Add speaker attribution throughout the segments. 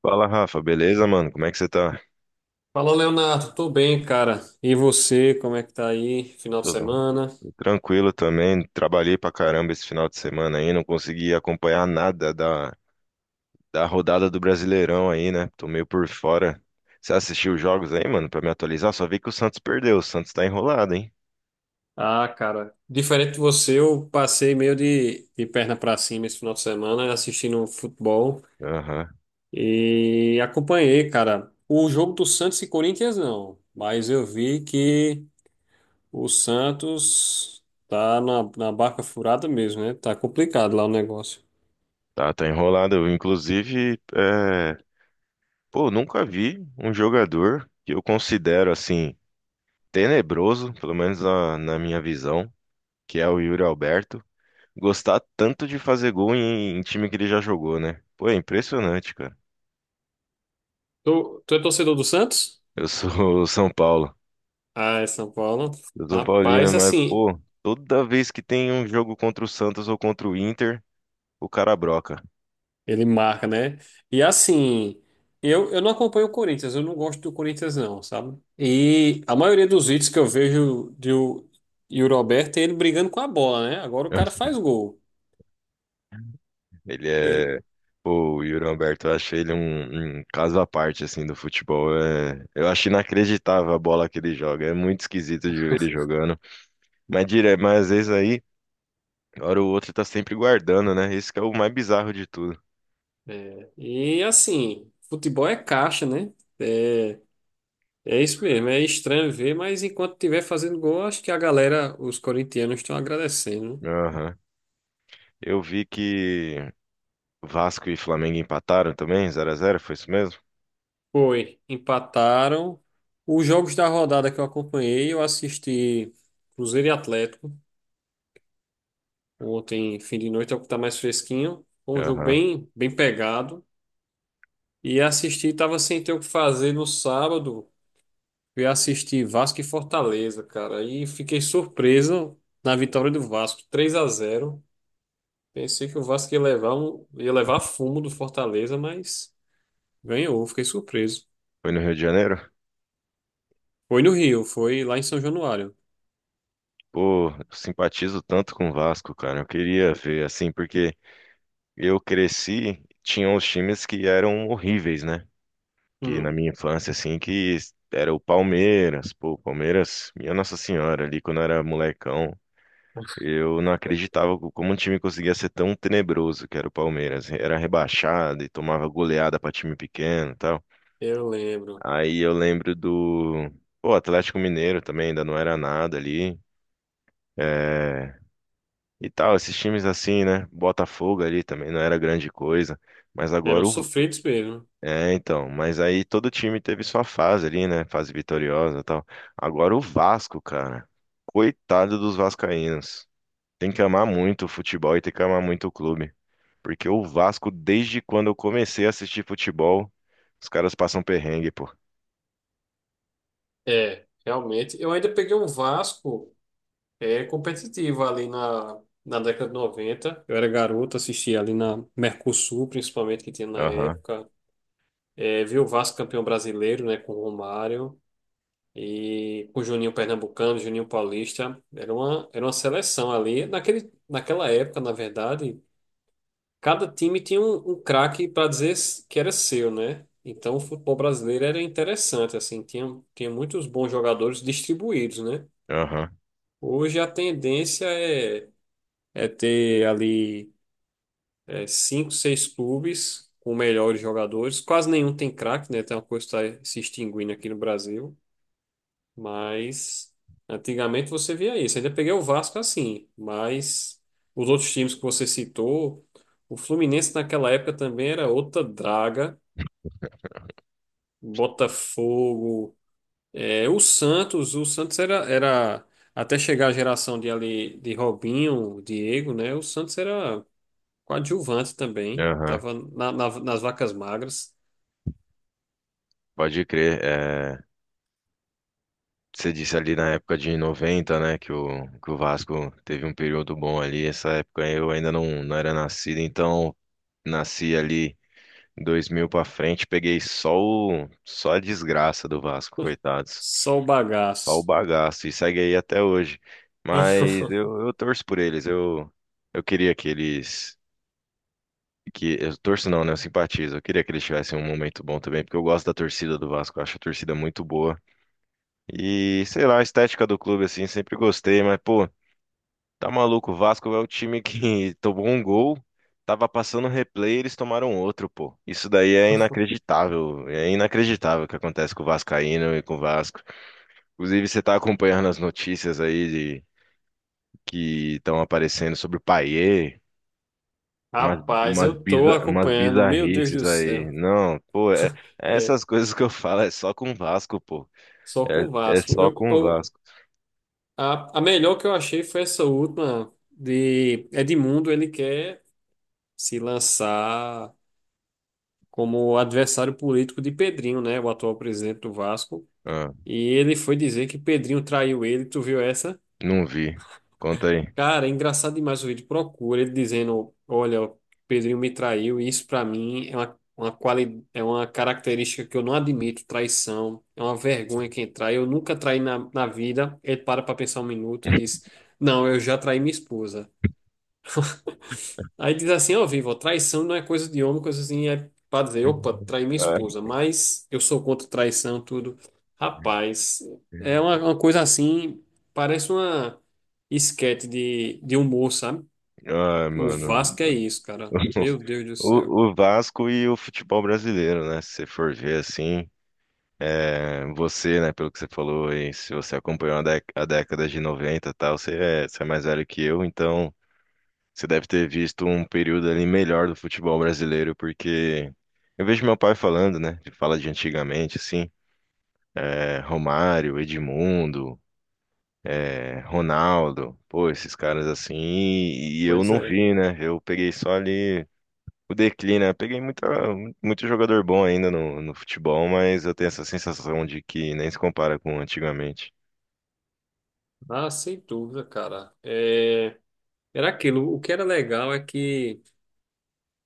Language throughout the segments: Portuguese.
Speaker 1: Fala, Rafa, beleza, mano? Como é que você tá?
Speaker 2: Fala, Leonardo. Tô bem, cara. E você, como é que tá aí? Final de
Speaker 1: Tudo
Speaker 2: semana?
Speaker 1: tranquilo também. Trabalhei pra caramba esse final de semana aí, não consegui acompanhar nada da rodada do Brasileirão aí, né? Tô meio por fora. Você assistiu os jogos aí, mano, pra me atualizar? Só vi que o Santos perdeu. O Santos tá enrolado, hein?
Speaker 2: Ah, cara, diferente de você, eu passei meio de perna pra cima esse final de semana assistindo um futebol
Speaker 1: Aham.
Speaker 2: e acompanhei, cara. O jogo do Santos e Corinthians não, mas eu vi que o Santos tá na barca furada mesmo, né? Tá complicado lá o negócio.
Speaker 1: Tá, enrolado. Eu, inclusive, pô, nunca vi um jogador que eu considero assim tenebroso, pelo menos na minha visão, que é o Yuri Alberto. Gostar tanto de fazer gol em time que ele já jogou, né? Pô, é impressionante, cara.
Speaker 2: Tu é torcedor do Santos?
Speaker 1: Eu sou São Paulo.
Speaker 2: Ah, é São Paulo.
Speaker 1: Eu sou São Paulino,
Speaker 2: Rapaz,
Speaker 1: mas,
Speaker 2: assim,
Speaker 1: pô, toda vez que tem um jogo contra o Santos ou contra o Inter, o cara broca.
Speaker 2: ele marca, né? E assim, eu não acompanho o Corinthians, eu não gosto do Corinthians, não, sabe? E a maioria dos vídeos que eu vejo e o Roberto é ele brigando com a bola, né? Agora o cara faz gol.
Speaker 1: Ele
Speaker 2: Ele,
Speaker 1: é. Pô, o Yuri Alberto, eu achei ele um caso à parte, assim, do futebol. Eu acho inacreditável a bola que ele joga. É muito esquisito de ver ele jogando. Mas, mas às vezes aí, hora ou outra, tá sempre guardando, né? Esse que é o mais bizarro de tudo.
Speaker 2: e assim, futebol é caixa, né? É, é isso mesmo, é estranho ver, mas enquanto estiver fazendo gol, acho que a galera, os corintianos, estão agradecendo, né?
Speaker 1: Aham. Eu vi que. Vasco e Flamengo empataram também, 0 a 0 foi isso mesmo?
Speaker 2: Foi, empataram. Os jogos da rodada que eu acompanhei, eu assisti Cruzeiro e Atlético. Ontem, fim de noite, é o que tá mais fresquinho. Foi um jogo
Speaker 1: Aham.
Speaker 2: bem, bem pegado. E assisti, tava sem ter o que fazer no sábado. Fui assistir Vasco e Fortaleza, cara. E fiquei surpreso na vitória do Vasco, 3-0. Pensei que o Vasco ia levar, ia levar fumo do Fortaleza, mas ganhou, fiquei surpreso.
Speaker 1: Foi no Rio de Janeiro?
Speaker 2: Foi no Rio, foi lá em São Januário.
Speaker 1: Pô, eu simpatizo tanto com o Vasco, cara. Eu queria ver, assim, porque eu cresci, tinham os times que eram horríveis, né? Que na
Speaker 2: Hum,
Speaker 1: minha infância, assim, que era o Palmeiras. Pô, o Palmeiras, minha Nossa Senhora, ali quando eu era molecão, eu não acreditava como um time conseguia ser tão tenebroso que era o Palmeiras. Era rebaixado e tomava goleada pra time pequeno e tal.
Speaker 2: eu lembro.
Speaker 1: Aí eu lembro do, pô, Atlético Mineiro também, ainda não era nada ali. É, e tal, esses times assim, né? Botafogo ali também não era grande coisa. Mas
Speaker 2: Eram
Speaker 1: agora o.
Speaker 2: sofridos mesmo.
Speaker 1: É, então. Mas aí todo time teve sua fase ali, né? Fase vitoriosa e tal. Agora o Vasco, cara. Coitado dos vascaínos. Tem que amar muito o futebol e tem que amar muito o clube. Porque o Vasco, desde quando eu comecei a assistir futebol, os caras passam perrengue, pô.
Speaker 2: É, realmente. Eu ainda peguei um Vasco. É competitivo ali na década de 90. Eu era garoto, assistia ali na Mercosul, principalmente, que tinha na
Speaker 1: Aham,
Speaker 2: época. É, vi o Vasco campeão brasileiro, né, com o Romário e com o Juninho Pernambucano, Juninho Paulista. Era uma seleção ali. Naquela época, na verdade, cada time tinha um craque para dizer que era seu, né? Então, o futebol brasileiro era interessante, assim, tinha muitos bons jogadores distribuídos, né?
Speaker 1: aham,
Speaker 2: Hoje a tendência é ter ali cinco, seis clubes com melhores jogadores. Quase nenhum tem craque, né? Tem uma coisa que está se extinguindo aqui no Brasil. Mas antigamente você via isso. Ainda peguei o Vasco assim, mas os outros times que você citou, o Fluminense naquela época também era outra draga. Botafogo, o Santos, o Santos era até chegar a geração de ali de Robinho, Diego, né? O Santos era coadjuvante também.
Speaker 1: aham.
Speaker 2: Tava nas vacas magras.
Speaker 1: Pode crer. É, você disse ali na época de 90, né, que o Vasco teve um período bom ali. Essa época eu ainda não era nascido, então nasci ali 2000 pra frente, peguei só só a desgraça do Vasco, coitados.
Speaker 2: Só o
Speaker 1: Só o
Speaker 2: bagaço.
Speaker 1: bagaço, e segue aí até hoje. Mas eu torço por eles. Eu queria que eles... Que, eu torço não, né, eu simpatizo. Eu queria que eles tivessem um momento bom também, porque eu gosto da torcida do Vasco, eu acho a torcida muito boa. E sei lá, a estética do clube, assim, sempre gostei, mas pô, tá maluco. O Vasco é o time que tomou um gol, tava passando replay, eles tomaram outro, pô. Isso daí é inacreditável. É inacreditável o que acontece com o Vascaíno e com o Vasco. Inclusive, você tá acompanhando as notícias aí de, que estão aparecendo sobre o Payet.
Speaker 2: Rapaz, eu tô
Speaker 1: Umas
Speaker 2: acompanhando. Meu Deus do
Speaker 1: bizarrices aí.
Speaker 2: céu.
Speaker 1: Não, pô,
Speaker 2: É,
Speaker 1: essas coisas que eu falo é só com o Vasco, pô.
Speaker 2: só com
Speaker 1: É,
Speaker 2: o
Speaker 1: é
Speaker 2: Vasco.
Speaker 1: só
Speaker 2: Eu,
Speaker 1: com o
Speaker 2: eu-
Speaker 1: Vasco.
Speaker 2: a, a melhor que eu achei foi essa última de Edmundo. Ele quer se lançar como adversário político de Pedrinho, né? O atual presidente do Vasco.
Speaker 1: Ah.
Speaker 2: E ele foi dizer que Pedrinho traiu ele. Tu viu essa?
Speaker 1: Não vi. Conta aí.
Speaker 2: Cara, é engraçado demais o vídeo. Procura ele dizendo: olha, o Pedrinho me traiu, e isso pra mim é é uma característica que eu não admito, traição. É uma vergonha quem trai. Eu nunca traí na vida. Ele para pra pensar um minuto e diz: não, eu já traí minha esposa. Aí diz assim: ó, Vivo, traição não é coisa de homem, coisa assim. É pra dizer: opa, traí minha
Speaker 1: Ai,
Speaker 2: esposa, mas eu sou contra traição, tudo. Rapaz, é uma coisa assim, parece uma esquete de humor, sabe?
Speaker 1: ai,
Speaker 2: O
Speaker 1: mano.
Speaker 2: Vasco é isso, cara. Meu Deus do céu.
Speaker 1: O Vasco e o futebol brasileiro, né? Se você for ver assim, você, né, pelo que você falou aí, se você acompanhou a, a década de 90, e tal, você é mais velho que eu, então você deve ter visto um período ali melhor do futebol brasileiro, porque eu vejo meu pai falando, né? Ele fala de antigamente, assim, Romário, Edmundo. Ronaldo, pô, esses caras assim, e eu
Speaker 2: Pois
Speaker 1: não
Speaker 2: é.
Speaker 1: vi, né? Eu peguei só ali o declínio, né? Peguei muito jogador bom ainda no futebol, mas eu tenho essa sensação de que nem se compara com antigamente.
Speaker 2: Ah, sem dúvida, cara. É, era aquilo. O que era legal é que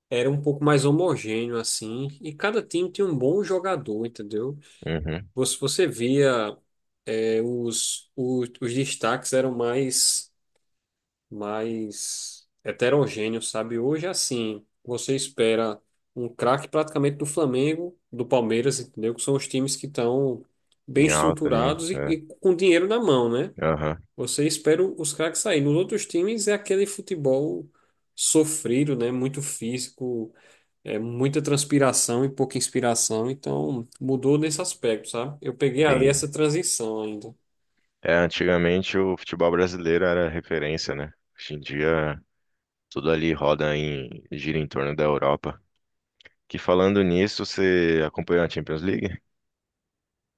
Speaker 2: era um pouco mais homogêneo, assim, e cada time tinha um bom jogador, entendeu?
Speaker 1: Uhum,
Speaker 2: Você via, os destaques eram mais heterogêneo, sabe? Hoje, é assim, você espera um craque praticamente do Flamengo, do Palmeiras, entendeu? Que são os times que estão bem
Speaker 1: em alta, né?
Speaker 2: estruturados e,
Speaker 1: É,
Speaker 2: e com dinheiro na mão, né?
Speaker 1: aham,
Speaker 2: Você espera os craques sair. Nos outros times é aquele futebol sofrido, né? Muito físico, é muita transpiração e pouca inspiração. Então, mudou nesse aspecto, sabe? Eu peguei ali
Speaker 1: sim.
Speaker 2: essa transição ainda.
Speaker 1: É, antigamente o futebol brasileiro era referência, né? Hoje em dia tudo ali gira em torno da Europa. Que falando nisso, você acompanhou a Champions League?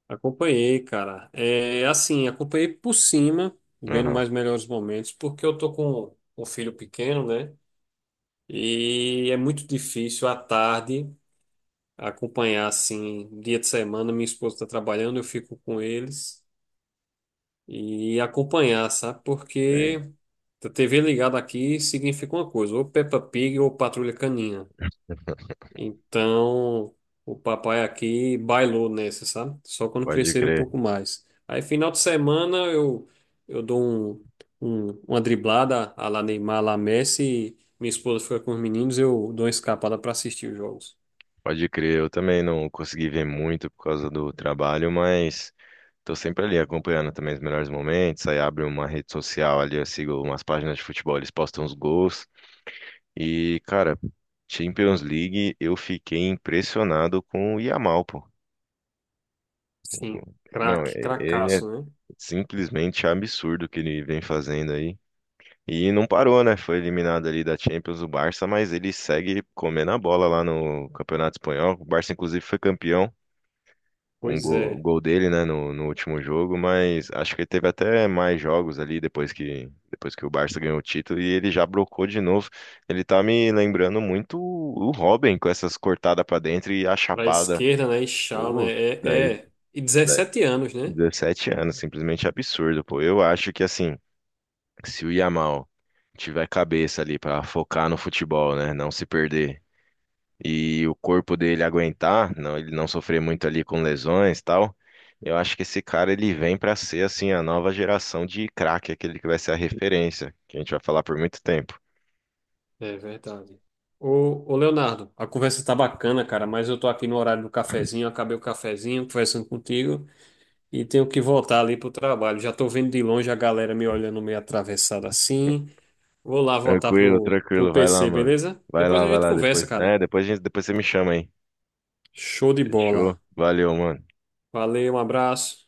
Speaker 2: Acompanhei, cara. É assim, acompanhei por cima, vendo
Speaker 1: Aham,
Speaker 2: mais melhores momentos, porque eu tô com um filho pequeno, né? E é muito difícil à tarde acompanhar assim, dia de semana, minha esposa está trabalhando, eu fico com eles e acompanhar, sabe?
Speaker 1: sim.
Speaker 2: Porque a TV ligada aqui significa uma coisa, ou Peppa Pig ou Patrulha Canina. Então, o papai aqui bailou nessa, sabe? Só quando
Speaker 1: Pode
Speaker 2: crescer um
Speaker 1: crer.
Speaker 2: pouco mais. Aí, final de semana, eu dou uma driblada à la Neymar, lá Messi. E minha esposa fica com os meninos, eu dou uma escapada para assistir os jogos.
Speaker 1: Pode crer, eu também não consegui ver muito por causa do trabalho, mas tô sempre ali acompanhando também os melhores momentos. Aí abre uma rede social ali, eu sigo umas páginas de futebol, eles postam os gols. E, cara, Champions League, eu fiquei impressionado com o Yamal, pô.
Speaker 2: Sim,
Speaker 1: O- Não,
Speaker 2: craque,
Speaker 1: ele é
Speaker 2: cracaço, né?
Speaker 1: simplesmente absurdo o que ele vem fazendo aí. E não parou, né? Foi eliminado ali da Champions do Barça, mas ele segue comendo a bola lá no Campeonato Espanhol. O Barça, inclusive, foi campeão.
Speaker 2: Pois é.
Speaker 1: Gol dele, né, no último jogo, mas acho que ele teve até mais jogos ali depois que o Barça ganhou o título e ele já brocou de novo. Ele tá me lembrando muito o Robin com essas cortadas pra dentro e a
Speaker 2: Para a
Speaker 1: chapada.
Speaker 2: esquerda, né? E Shaw, né?
Speaker 1: Pô,
Speaker 2: É,
Speaker 1: daí,
Speaker 2: é. E
Speaker 1: daí
Speaker 2: 17 anos, né?
Speaker 1: 17 anos, simplesmente absurdo, pô. Eu acho que assim, se o Yamal tiver cabeça ali pra focar no futebol, né, não se perder e o corpo dele aguentar, não, ele não sofrer muito ali com lesões e tal, eu acho que esse cara ele vem pra ser assim a nova geração de craque, aquele que vai ser a referência, que a gente vai falar por muito tempo.
Speaker 2: É verdade. Ô Leonardo, a conversa tá bacana, cara, mas eu tô aqui no horário do cafezinho, acabei o cafezinho, conversando contigo e tenho que voltar ali pro trabalho. Já tô vendo de longe a galera me olhando meio atravessada assim. Vou lá voltar
Speaker 1: Tranquilo,
Speaker 2: pro
Speaker 1: tranquilo, vai lá,
Speaker 2: PC,
Speaker 1: mano.
Speaker 2: beleza? Depois a
Speaker 1: Vai
Speaker 2: gente
Speaker 1: lá
Speaker 2: conversa,
Speaker 1: depois.
Speaker 2: cara.
Speaker 1: É, depois a gente, depois você me chama aí.
Speaker 2: Show de bola.
Speaker 1: Fechou? Valeu, mano.
Speaker 2: Valeu, um abraço.